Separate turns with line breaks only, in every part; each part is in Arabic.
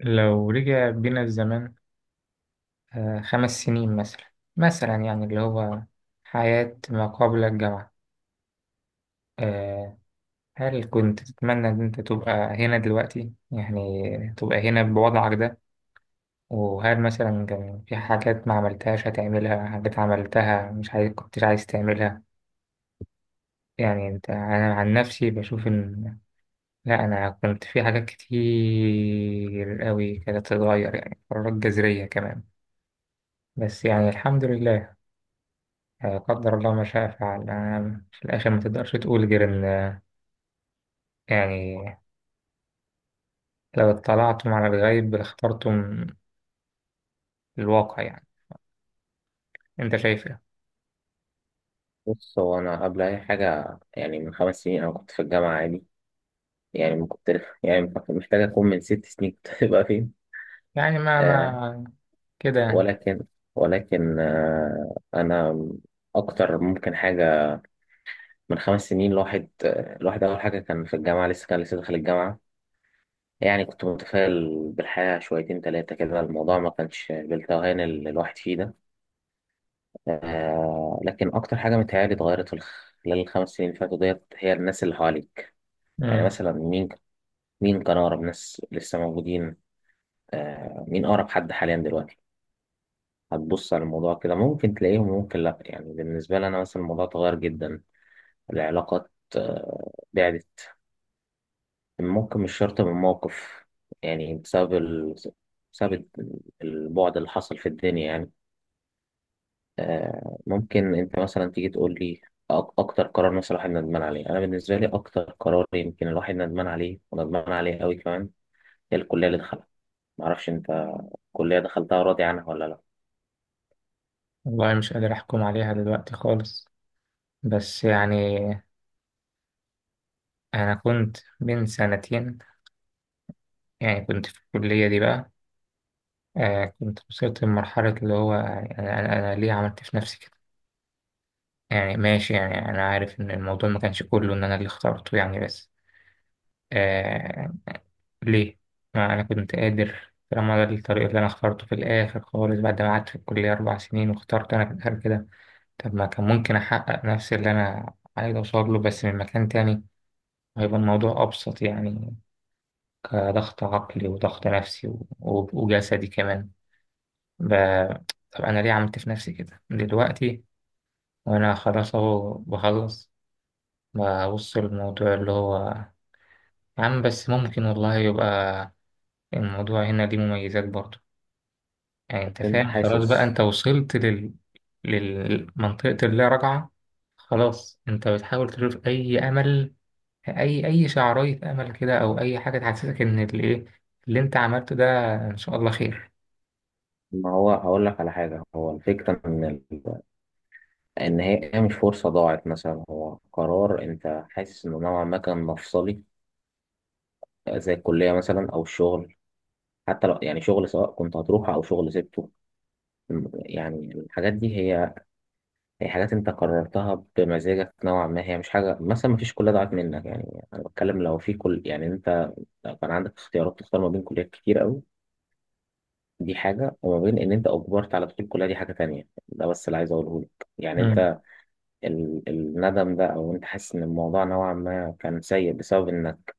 لو رجع بينا الزمان، 5 سنين مثلا، يعني اللي هو حياة ما قبل الجامعة. آه، هل كنت تتمنى إن أنت تبقى هنا دلوقتي، يعني تبقى هنا بوضعك ده؟ وهل مثلا كان في حاجات ما عملتهاش هتعملها، حاجات عملتها مش عايز كنتش عايز تعملها؟ يعني أنت، أنا عن نفسي بشوف إن لا، أنا كنت في حاجات كتير قوي كانت تتغير، يعني قرارات جذرية كمان. بس يعني الحمد لله، لا قدر الله ما شاء فعل، أنا في الآخر ما تقدرش تقول غير إن يعني لو اطلعتم على الغيب لاخترتم الواقع يعني. أنت شايف إيه؟
بص، هو أنا قبل أي حاجة يعني من 5 سنين أنا كنت في الجامعة عادي. يعني ما كنت يعني محتاج أكون من 6 سنين كنت هبقى فين.
يعني ما
آه
ما كده يعني.
ولكن ولكن أنا أكتر ممكن حاجة. من 5 سنين الواحد الواحد أول حاجة كان في الجامعة لسه، كان لسه داخل الجامعة. يعني كنت متفائل بالحياة شويتين تلاتة كده، الموضوع ما كانش بالتوهان اللي الواحد فيه ده. آه لكن أكتر حاجة متهيألي اتغيرت في خلال الخمس سنين اللي فاتوا ديت هي الناس اللي حواليك. يعني
مم.
مثلا مين كان أقرب ناس لسه موجودين؟ آه، مين أقرب حد حاليا دلوقتي؟ هتبص على الموضوع كده ممكن تلاقيهم، ممكن لأ. يعني بالنسبة لي أنا مثلا الموضوع اتغير جدا. العلاقات آه بعدت، ممكن مش شرط من موقف، يعني بسبب البعد اللي حصل في الدنيا يعني. آه ممكن أنت مثلا تيجي تقول لي أكتر قرار مثلا الواحد ندمان عليه. أنا بالنسبة لي أكتر قرار يمكن الواحد ندمان عليه، وندمان عليه أوي كمان، هي الكلية اللي دخلها. معرفش أنت، الكلية دخلتها راضي عنها ولا لأ؟
والله مش قادر أحكم عليها دلوقتي خالص. بس يعني أنا كنت من سنتين، يعني كنت في الكلية دي بقى. آه، كنت وصلت لمرحلة اللي هو يعني أنا ليه عملت في نفسي كده؟ يعني ماشي، يعني أنا عارف إن الموضوع ما كانش كله إن أنا اللي اخترته يعني، بس آه، ليه؟ ما أنا كنت قادر، طالما ده الطريق اللي أنا اخترته في الآخر خالص بعد ما قعدت في الكلية 4 سنين واخترت أنا في الآخر كده. طب ما كان ممكن أحقق نفس اللي أنا عايز أوصل له بس من مكان تاني؟ هيبقى الموضوع أبسط يعني، كضغط عقلي وضغط نفسي وجسدي كمان. ب... طب أنا ليه عملت في نفسي كده دلوقتي؟ وأنا خلاص أهو بخلص، ببص للموضوع اللي هو يا عم بس ممكن والله يبقى الموضوع هنا ليه مميزات برضه. يعني انت
انت
فاهم، خلاص بقى
حاسس؟
انت وصلت للمنطقة اللا رجعة. خلاص انت بتحاول تشوف اي امل، اي شعراية امل كده، او اي حاجة تحسسك ان الايه اللي انت عملته ده ان شاء الله خير.
ما هو هقول لك على حاجة. هو الفكرة ان ال... ان هي مش فرصة ضاعت مثلا، هو قرار انت حاسس انه نوعا ما كان مفصلي، زي الكلية مثلا او الشغل. حتى لو يعني شغل، سواء كنت هتروحه او شغل سبته. يعني الحاجات دي هي حاجات انت قررتها بمزاجك نوعا ما، هي مش حاجة مثلا، ما فيش كلية ضاعت منك. يعني انا بتكلم لو في كل، يعني انت لو كان عندك اختيارات تختار ما بين كليات كتير قوي، دي حاجة، وما بين ان انت اجبرت على دخول الكلية دي، حاجة تانية. ده بس اللي عايز اقوله لك. يعني
مم.
انت الندم ده، او انت حاسس ان الموضوع نوعا ما كان سيء بسبب انك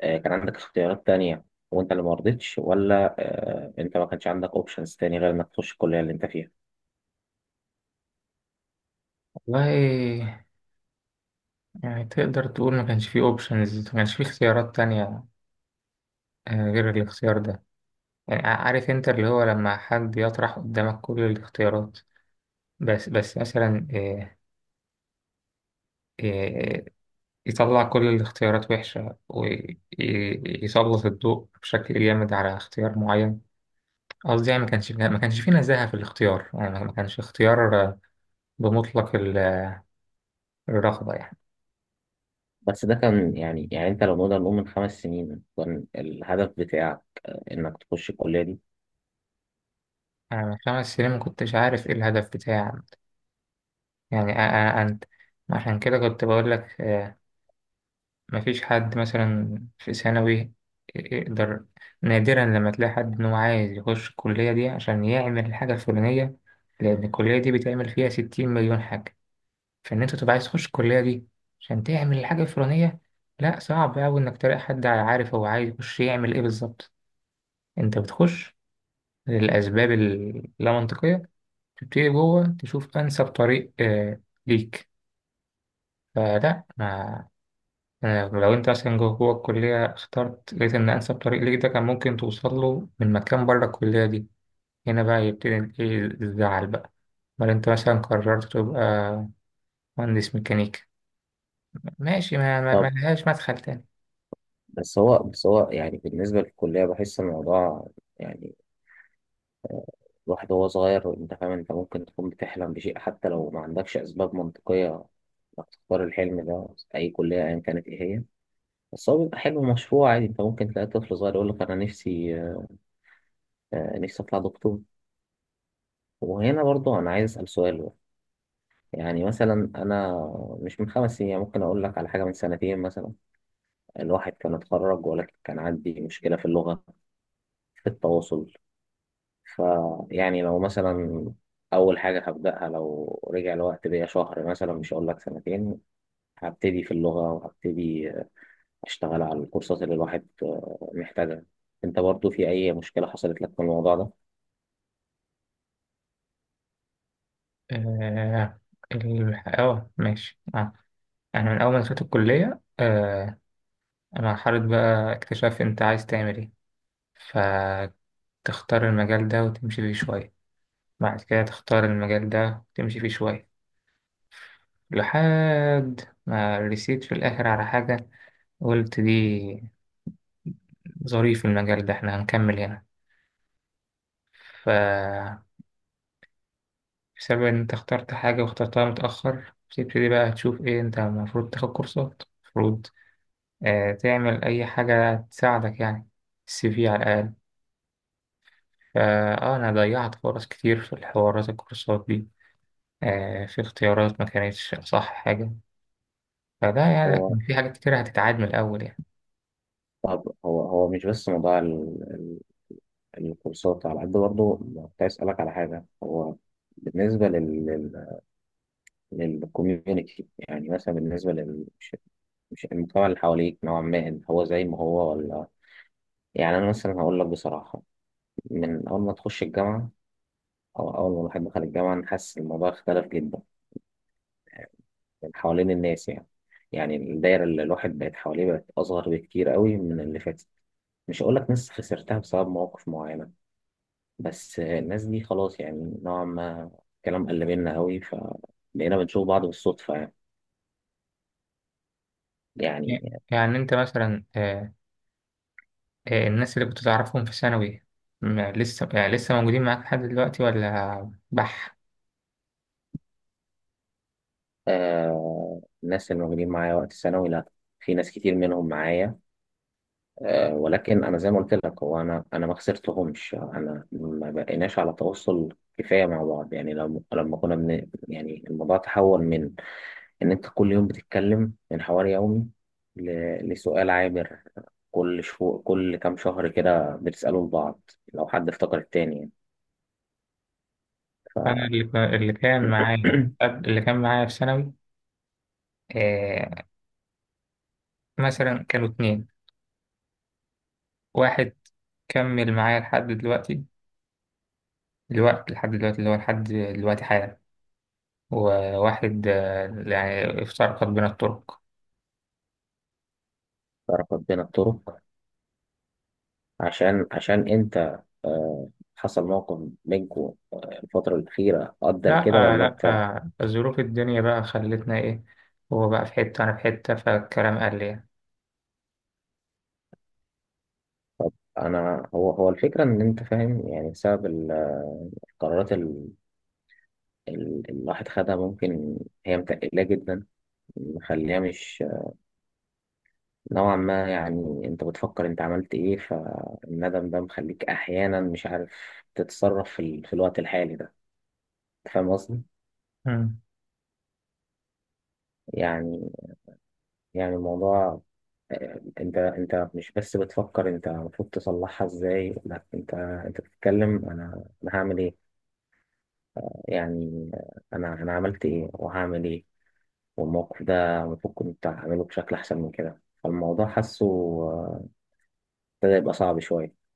كان عندك اختيارات تانية وانت اللي ما رضيتش، ولا انت ما كانش عندك اوبشنز تاني غير انك تخش الكلية اللي انت فيها؟
والله يعني تقدر تقول ما كانش فيه اوبشنز، ما كانش فيه اختيارات تانية، آه، غير الاختيار ده. يعني عارف انت، اللي هو لما حد يطرح قدامك كل الاختيارات، بس مثلا، آه، يطلع كل الاختيارات وحشة ويسلط الضوء بشكل جامد على اختيار معين. قصدي يعني ما كانش في نزاهة في الاختيار، يعني ما كانش اختيار بمطلق الرغبة يعني.
بس ده كان يعني، يعني انت لو نقدر نقول من 5 سنين كان الهدف بتاعك انك تخش الكلية دي.
أنا من 5 سنين ما كنتش عارف إيه الهدف بتاعي، يعني أنت، عشان كده كنت بقول لك. مفيش حد مثلا في ثانوي يقدر، نادرا لما تلاقي حد إنه عايز يخش الكلية دي عشان يعمل الحاجة الفلانية، لأن الكلية دي بتعمل فيها 60 مليون حاجة. في ان انت تبقى عايز تخش الكليه دي عشان تعمل الحاجه الفلانيه، لا، صعب قوي انك تلاقي حد عارف هو عايز يخش يعمل ايه بالظبط. انت بتخش للاسباب اللا منطقيه، تبتدي جوه تشوف انسب طريق ليك. فلا ما أنا لو انت مثلا جوه جوه الكليه اخترت، لقيت ان انسب طريق ليك ده كان ممكن توصل له من مكان بره الكليه دي. هنا بقى يبتدي ايه الزعل بقى، امال انت مثلا قررت تبقى مهندس ميكانيكا، ماشي، ما
طب،
لهاش مدخل تاني.
بس هو يعني بالنسبة للكلية بحس الموضوع. يعني الواحد وهو صغير، انت فاهم، انت ممكن تكون بتحلم بشيء حتى لو ما عندكش اسباب منطقية انك تختار الحلم ده. اي كلية ايا كانت ايه هي، بس هو بيبقى حلو. مشروع عادي، انت ممكن تلاقي طفل صغير يقول لك انا نفسي، نفسي اطلع دكتور. وهنا برضه انا عايز اسال سؤال بقى. يعني مثلا انا مش من 5 سنين يعني، ممكن اقول لك على حاجه من سنتين مثلا. الواحد كان اتخرج ولكن كان عندي مشكله في اللغه، في التواصل. فيعني لو مثلا اول حاجه هبداها لو رجع الوقت بيا شهر مثلا، مش هقول لك سنتين، هبتدي في اللغه وهبتدي اشتغل على الكورسات اللي الواحد محتاجها. انت برضو في اي مشكله حصلت لك في الموضوع ده؟
آه اه ماشي، انا من اول ما دخلت الكلية. انا مرحلة بقى اكتشاف انت عايز تعمل ايه، فتختار المجال ده وتمشي فيه شوية، بعد كده تختار المجال ده وتمشي فيه شوية لحد ما رسيت في الاخر على حاجة. قلت دي ظريف المجال ده، احنا هنكمل هنا. ف بسبب ان انت اخترت حاجة واخترتها متأخر، بتبتدي بقى تشوف ايه انت المفروض تاخد كورسات، المفروض تعمل أي حاجة تساعدك يعني، السي في على الأقل. أنا ضيعت فرص كتير في الحوارات الكورسات دي، في اختيارات ما كانتش أصح حاجة. فده يعني
هو
في حاجات كتير هتتعاد من الأول يعني.
طب هو مش بس موضوع الكورسات، على قد برضه كنت عايز أسألك على حاجة. هو بالنسبة لل للكوميونيتي، يعني مثلا بالنسبة لل، مش المجتمع اللي حواليك نوعا ما هو زي ما هو، ولا؟ يعني أنا مثلا هقول لك بصراحة، من أول ما تخش الجامعة أو أول ما الواحد دخل الجامعة، أنا حاسس إن الموضوع اختلف جدا من حوالين الناس يعني. يعني الدايرة اللي الواحد بقت حواليه بقت أصغر بكتير قوي من اللي فاتت. مش هقول لك ناس خسرتها بسبب مواقف معينة، بس الناس دي خلاص يعني نوعا ما الكلام قل منها قوي، فبقينا بنشوف بعض بالصدفة يعني. يعني
يعني أنت مثلا، الناس اللي كنت تعرفهم في ثانوي، لسه يعني لسه موجودين معاك لحد دلوقتي ولا بح؟
آه، الناس اللي موجودين معايا وقت الثانوي، لا، في ناس كتير منهم معايا. آه ولكن أنا زي ما قلت لك، هو أنا ما خسرتهمش، أنا ما بقيناش على تواصل كفاية مع بعض. يعني لما كنا يعني الموضوع تحول من ان انت كل يوم بتتكلم محور يومي لسؤال عابر كل شهور، كل كام شهر كده، بتسأله لبعض لو حد افتكر التاني يعني.
أنا اللي كان معايا في ثانوي، آه، مثلا كانوا 2. واحد كمل معايا لحد دلوقتي الوقت، لحد دلوقتي اللي هو لحد دلوقتي حالا، وواحد يعني افترقت بين الطرق.
تعرف بين الطرق؟ عشان انت آه، حصل موقف بينكوا الفترة الأخيرة أدى
لا
لكده،
آه،
ولا
لا
أنت؟
آه، ظروف الدنيا بقى خلتنا ايه، هو بقى في حتة أنا في حتة فالكلام قل يعني.
أنا هو الفكرة إن أنت فاهم يعني، بسبب القرارات اللي الواحد خدها، ممكن هي متقلقة جدا مخليها مش نوعا ما. يعني انت بتفكر انت عملت ايه، فالندم ده مخليك احيانا مش عارف تتصرف في الوقت الحالي ده. انت فاهم قصدي؟
مم.
يعني، يعني الموضوع انت مش بس بتفكر انت المفروض تصلحها ازاي، لا، انت بتتكلم انا هعمل ايه، يعني انا عملت ايه وهعمل ايه، والموقف ده المفروض كنت اعمله بشكل احسن من كده. فالموضوع حاسه آه، ابتدى يبقى صعب شوية.